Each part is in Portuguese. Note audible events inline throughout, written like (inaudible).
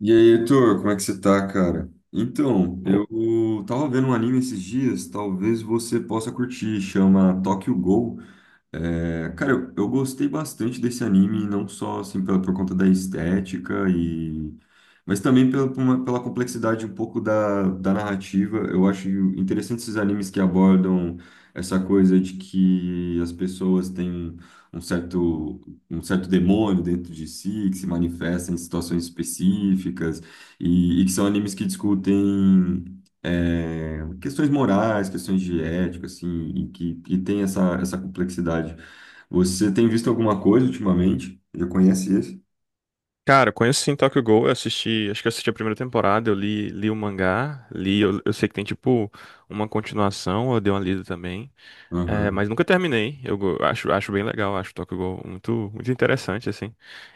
E aí, Heitor, como é que você tá, cara? Então, eu tava vendo um anime esses dias, talvez você possa curtir, chama Tokyo Ghoul. É, cara, eu gostei bastante desse anime, não só assim pela, por conta da estética e mas também pela complexidade um pouco da narrativa. Eu acho interessante esses animes que abordam essa coisa de que as pessoas têm um certo, um certo demônio dentro de si, que se manifesta em situações específicas, e que são animes que discutem questões morais, questões de ética, assim, e que tem essa complexidade. Você tem visto alguma coisa ultimamente? Já conhece esse? Cara, eu conheço sim Tokyo Ghoul, eu assisti, acho que eu assisti a primeira temporada, eu li o mangá, eu sei que tem tipo uma continuação, eu dei uma lida também, é, Aham. mas nunca terminei, acho bem legal, acho Tokyo Ghoul muito, muito interessante, assim.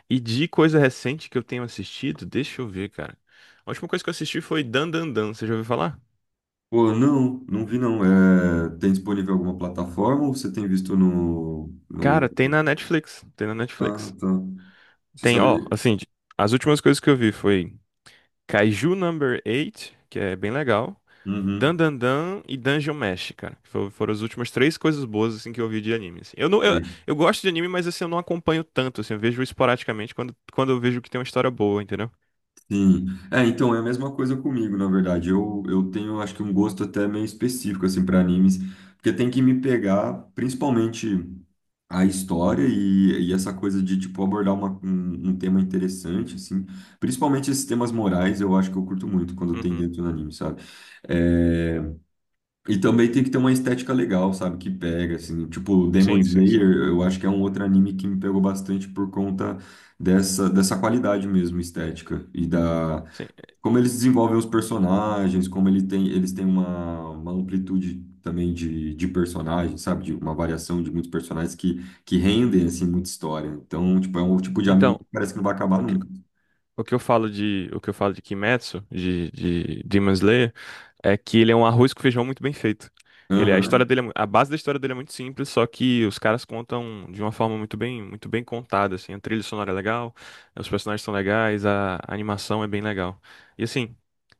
E de coisa recente que eu tenho assistido, deixa eu ver, cara, a última coisa que eu assisti foi Dan Dan Dan, você já ouviu falar? Pô, não, não vi não. É, tem disponível alguma plataforma ou você tem visto no, Cara, no... tem na Netflix, tem na Ah, Netflix. tá. Você Tem, ó, sabe... assim, as últimas coisas que eu vi foi Kaiju Number 8, que é bem legal. Dan Uhum. Dan Dan e Dungeon Mesh, cara. Foram as últimas três coisas boas assim que eu vi de anime, assim. Eu não, Sei. eu gosto de anime, mas assim eu não acompanho tanto, assim, eu vejo esporadicamente quando eu vejo que tem uma história boa, entendeu? Sim. É, então é a mesma coisa comigo, na verdade. Eu tenho, acho que um gosto até meio específico assim para animes, porque tem que me pegar, principalmente a história e essa coisa de tipo abordar um tema interessante assim, principalmente esses temas morais, eu acho que eu curto muito quando tem Uhum. dentro do anime, sabe? É, e também tem que ter uma estética legal, sabe? Que pega, assim. Tipo, Demon Sim, sim, sim. Slayer, eu acho que é um outro anime que me pegou bastante por conta dessa qualidade mesmo estética. E da Sim. Como eles desenvolvem os personagens, como ele tem, eles têm uma amplitude também de personagens, sabe? De uma variação de muitos personagens que rendem, assim, muita história. Então, tipo, é um tipo de anime Então, que parece que não vai acabar o que, nunca. o que eu falo de, o que eu falo de Kimetsu, de Demon Slayer, é que ele é um arroz com feijão muito bem feito. Ele, a história Aham, dele, é a base da história dele é muito simples, só que os caras contam de uma forma muito bem contada, assim. A trilha sonora é legal, os personagens são legais, a animação é bem legal. E assim,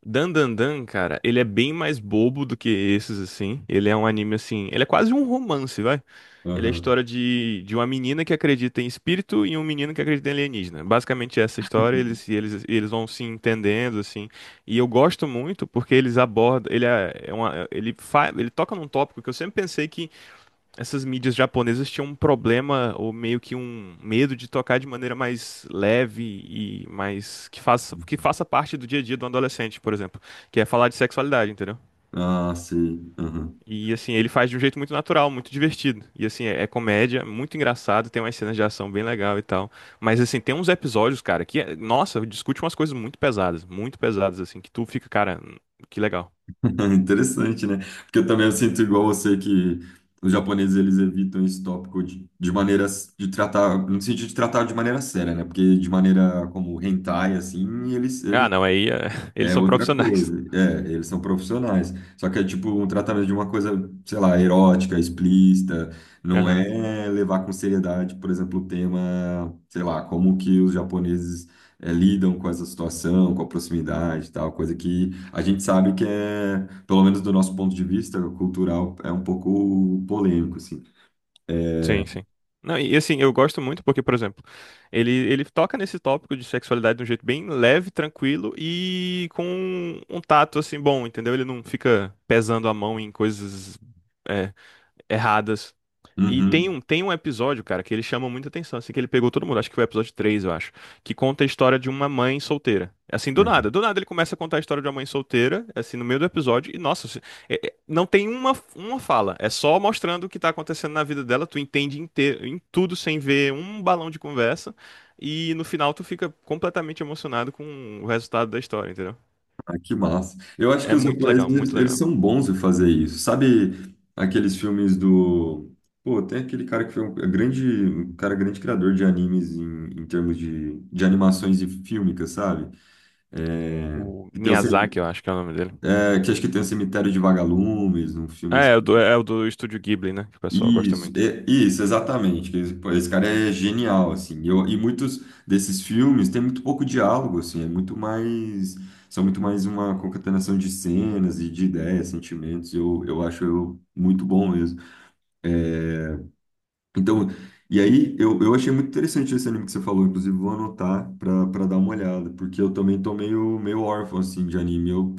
Dan Dan Dan, cara, ele é bem mais bobo do que esses, assim. Ele é um anime, assim, ele é quase um romance, vai. Ele é a aham. história de uma menina que acredita em espírito e um menino que acredita em alienígena. Basicamente essa história, eles vão se entendendo, assim. E eu gosto muito porque eles abordam, ele é é uma, ele fa, ele toca num tópico que eu sempre pensei que essas mídias japonesas tinham um problema ou meio que um medo de tocar de maneira mais leve e mais que faça, parte do dia a dia do adolescente, por exemplo, que é falar de sexualidade, entendeu? Ah, sim, aham. E assim, ele faz de um jeito muito natural, muito divertido. E assim, é, é comédia, muito engraçado, tem umas cenas de ação bem legal e tal. Mas assim, tem uns episódios, cara, que, nossa, discute umas coisas muito pesadas, assim, que tu fica, cara, que legal. (laughs) Interessante, né? Porque eu também eu sinto igual você que os japoneses eles evitam esse tópico de maneiras de tratar, no sentido de tratar de maneira séria, né? Porque de maneira como hentai, assim, Ah, eles. não, aí é, (laughs) eles É são outra profissionais. coisa. É, eles são profissionais. Só que é tipo um tratamento de uma coisa, sei lá, erótica, explícita. Não Aham. é levar com seriedade, por exemplo, o tema, sei lá, como que os japoneses lidam com essa situação, com a proximidade e tal. Coisa que a gente sabe que é, pelo menos do nosso ponto de vista cultural, é um pouco polêmico, assim. É, Sim, sim. Não, e assim, eu gosto muito porque, por exemplo, ele toca nesse tópico de sexualidade de um jeito bem leve, tranquilo e com um tato, assim, bom, entendeu? Ele não fica pesando a mão em coisas. É, erradas. E tem uhum, um, tem um episódio, cara, que ele chama muita atenção, assim, que ele pegou todo mundo, acho que foi o episódio 3 eu acho, que conta a história de uma mãe solteira. Assim, né? Do nada ele começa a contar a história de uma mãe solteira, assim, no meio do episódio, e nossa, não tem uma fala, é só mostrando o que tá acontecendo na vida dela, tu entende inteiro, em tudo sem ver um balão de conversa, e no final tu fica completamente emocionado com o resultado da história, entendeu? Ah, que massa. Eu acho que É os muito japoneses, legal, eles muito eles legal. são bons em fazer isso. Sabe aqueles filmes do... Pô, tem aquele cara que foi um é grande, um cara grande criador de animes em termos de animações e fílmicas, sabe? É, O que, tem o Miyazaki, eu cem- acho que é o nome dele. Que acho que tem o Cemitério de Vagalumes, um filme. É, é o do, é é o do Estúdio Ghibli, né? Que o pessoal gosta Isso, muito. e- isso, exatamente. Esse, pô, esse cara é genial, assim. E muitos desses filmes têm muito pouco diálogo, assim. É muito mais, são muito mais uma concatenação de cenas e de ideias, sentimentos. Eu acho eu muito bom mesmo. Então, e aí eu achei muito interessante esse anime que você falou. Inclusive vou anotar para dar uma olhada, porque eu também tô meio órfão assim de anime. Eu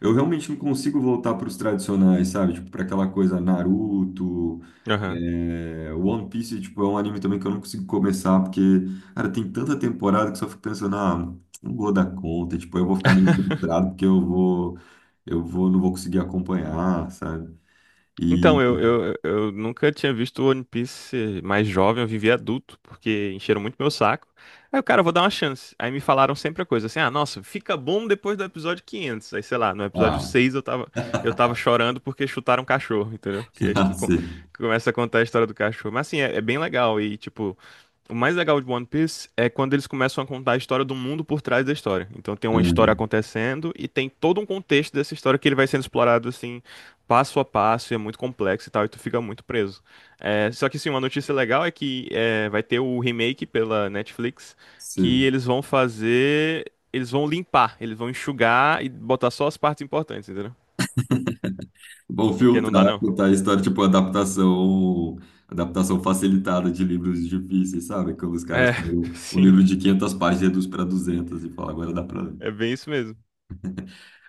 eu realmente não consigo voltar para os tradicionais, sabe? Tipo, para aquela coisa Naruto. Aham. É, One Piece, tipo, é um anime também que eu não consigo começar, porque, cara, tem tanta temporada que só fico pensando, ah, não vou dar conta, tipo, eu vou ficar meio (laughs) frustrado porque não vou conseguir acompanhar, sabe? E, Então, eu nunca tinha visto One Piece mais jovem, eu vivi adulto, porque encheram muito meu saco. Aí o cara, eu vou dar uma chance. Aí me falaram sempre a coisa assim: ah, nossa, fica bom depois do episódio 500. Aí sei lá, no episódio ah, 6 eu tava chorando porque chutaram um cachorro, entendeu? Porque aí tu (laughs) sim, começa a contar a história do cachorro. Mas assim, é, é bem legal. E tipo, o mais legal de One Piece é quando eles começam a contar a história do mundo por trás da história. Então tem uma história hum, acontecendo e tem todo um contexto dessa história que ele vai sendo explorado assim, passo a passo, e é muito complexo e tal, e tu fica muito preso. É, só que sim, uma notícia legal é que é, vai ter o remake pela Netflix, que sim. eles vão fazer. Eles vão limpar, eles vão enxugar e botar só as partes importantes, entendeu? Vão Porque não dá filtrar, não. contar a história, tipo, adaptação facilitada de livros difíceis, sabe? Quando os caras, É, pegam (laughs) um sim, livro de 500 páginas e reduz para 200 e fala, agora dá para ler. é bem isso mesmo.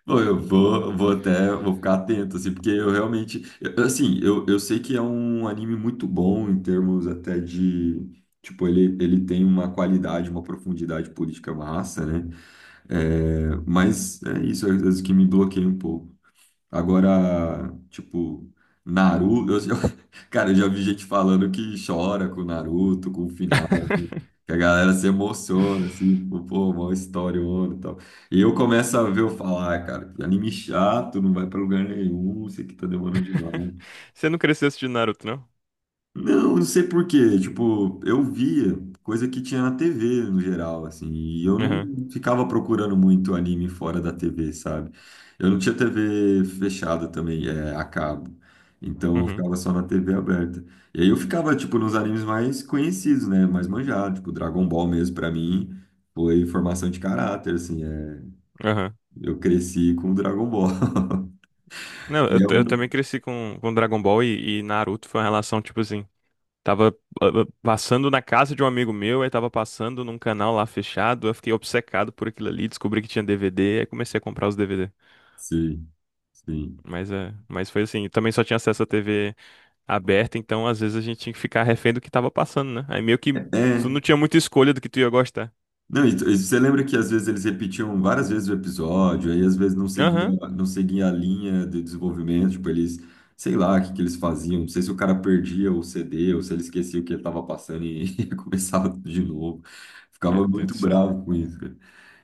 Pô, Eu vou, vou até, vou ficar atento, assim, porque eu realmente, assim, eu sei que é um anime muito bom em termos até de, tipo, ele tem uma qualidade, uma profundidade política massa, né? É, mas é isso, é às vezes, que me bloqueia um pouco. Agora, tipo, Naruto, (laughs) cara, eu já vi gente falando que chora com Naruto, com o final, assim, (laughs) que a galera se emociona, assim, pô, mó história e tal. E eu começo a ver eu falar, "Ah, cara, que anime chato, não vai pra lugar nenhum, isso aqui tá demorando demais. Você não cresceu assistindo Naruto, não? Não, não sei por quê. Tipo, eu via coisa que tinha na TV no geral, assim, e eu não Aham. ficava procurando muito anime fora da TV, sabe? Eu não tinha TV fechada também, é, a cabo. Então eu Uhum, ficava só na TV aberta. E aí eu ficava, tipo, nos animes mais conhecidos, né? Mais manjados, tipo, Dragon Ball mesmo, pra mim, foi formação de caráter, assim, é. aham. Eu cresci com Dragon Ball, (laughs) Não, que é eu um. também cresci com, Dragon Ball e Naruto foi uma relação, tipo assim, tava passando na casa de um amigo meu, aí tava passando num canal lá fechado, eu fiquei obcecado por aquilo ali, descobri que tinha DVD, aí comecei a comprar os DVD. Sim. Sim. Mas, é, mas foi assim, também só tinha acesso à TV aberta, então às vezes a gente tinha que ficar refém do que tava passando, né? Aí meio que tu É, não tinha muita escolha do que tu ia gostar. não, e você lembra que às vezes eles repetiam várias vezes o episódio, aí às vezes Aham, não seguia a linha de desenvolvimento, tipo, eles, sei lá, o que que eles faziam, não sei se o cara perdia o CD ou se ele esquecia o que ele estava passando e (laughs) começava tudo de novo. Meu Ficava Deus do muito céu. bravo com isso, cara.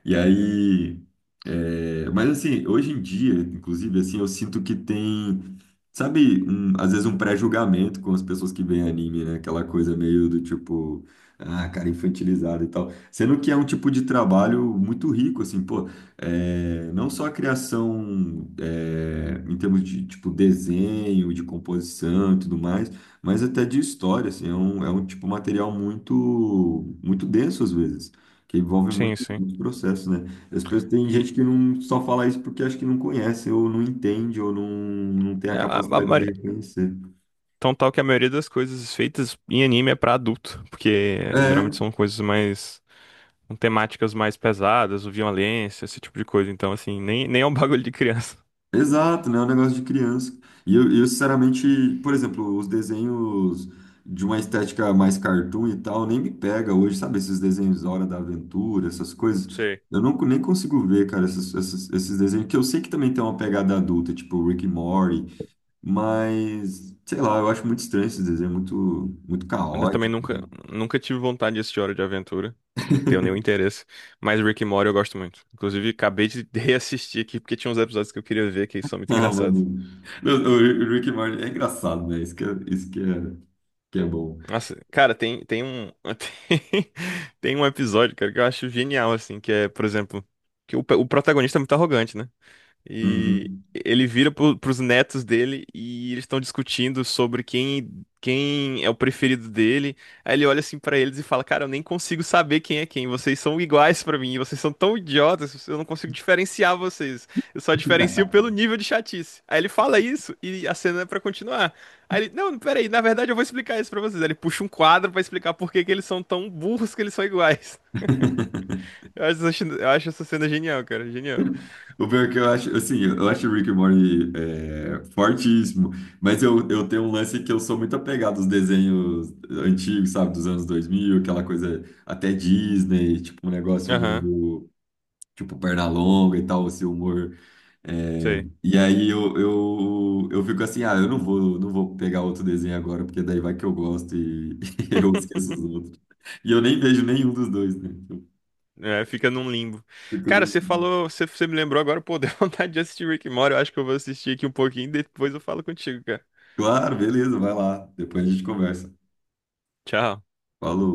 E aí, é, mas assim, hoje em dia, inclusive, assim, eu sinto que tem, sabe, às vezes um pré-julgamento com as pessoas que veem anime, né? Aquela coisa meio do tipo, ah, cara, infantilizado e tal. Sendo que é um tipo de trabalho muito rico, assim, pô, é, não só a criação é, em termos de, tipo, desenho, de composição e tudo mais, mas até de história, assim, é um tipo material muito, muito denso às vezes, que envolve muito, Sim, sim. muito processo, né? As pessoas, tem E... gente que não só fala isso porque acha que não conhece, ou não entende, ou não tem a é, a capacidade de reconhecer. Tão tal que a maioria das coisas feitas em anime é pra adulto, porque geralmente É, são coisas mais, com temáticas mais pesadas, ou violência, esse tipo de coisa. Então, assim, nem é um (laughs) bagulho de criança. exato, né? É um negócio de criança. E sinceramente, por exemplo, os desenhos de uma estética mais cartoon e tal, nem me pega hoje, sabe? Esses desenhos da Hora da Aventura, essas coisas. Sei. Eu não, nem consigo ver, cara, esses desenhos, que eu sei que também tem uma pegada adulta, tipo Rick e Morty, mas, sei lá, eu acho muito estranho esses desenhos, muito, muito Ainda também caótico. (laughs) nunca, nunca tive vontade de assistir Hora de Aventura. Não tenho nenhum interesse. Mas Rick e Morty eu gosto muito. Inclusive, acabei de (laughs) reassistir aqui, porque tinha uns episódios que eu queria ver que são muito Ah, engraçados. mano. Não, o Rick e Morty é engraçado, né? Isso que é bom. Nossa, cara, tem, tem um. (laughs) Tem, tem um episódio, cara, que eu acho genial, assim, que é, por exemplo, que o, o protagonista é muito arrogante, né? E Uhum. ele vira pro, pros netos dele e eles estão discutindo sobre quem, é o preferido dele. Aí ele olha assim pra eles e fala: Cara, eu nem consigo saber quem é quem. Vocês são iguais pra mim. Vocês são tão idiotas. Eu não consigo diferenciar vocês. Eu só diferencio pelo nível de chatice. Aí ele fala isso e a cena é pra continuar. Aí ele: Não, peraí, na verdade eu vou explicar isso pra vocês. Aí ele puxa um quadro pra explicar por que que eles são tão burros que eles são iguais. (laughs) (laughs) Eu acho, eu acho essa cena genial, cara. Genial. O pior é que eu acho, assim, eu acho o Rick and Morty é, fortíssimo, mas eu tenho um lance que eu sou muito apegado aos desenhos antigos, sabe, dos anos 2000, aquela coisa até Disney, tipo um negócio Aham, meio, tipo Pernalonga e tal, esse humor. É, sei. Eu fico assim, ah, eu não vou, não vou pegar outro desenho agora, porque daí vai que eu gosto e, (laughs) e eu esqueço os outros. E eu nem vejo nenhum dos dois, né? Tipo, É, fica num limbo. eu fico Cara, você no... falou, você me lembrou agora, pô, deu (laughs) vontade de assistir Rick and Morty. Eu acho que eu vou assistir aqui um pouquinho, depois eu falo contigo, cara. Claro, beleza, vai lá, depois a gente conversa. Tchau. Falou.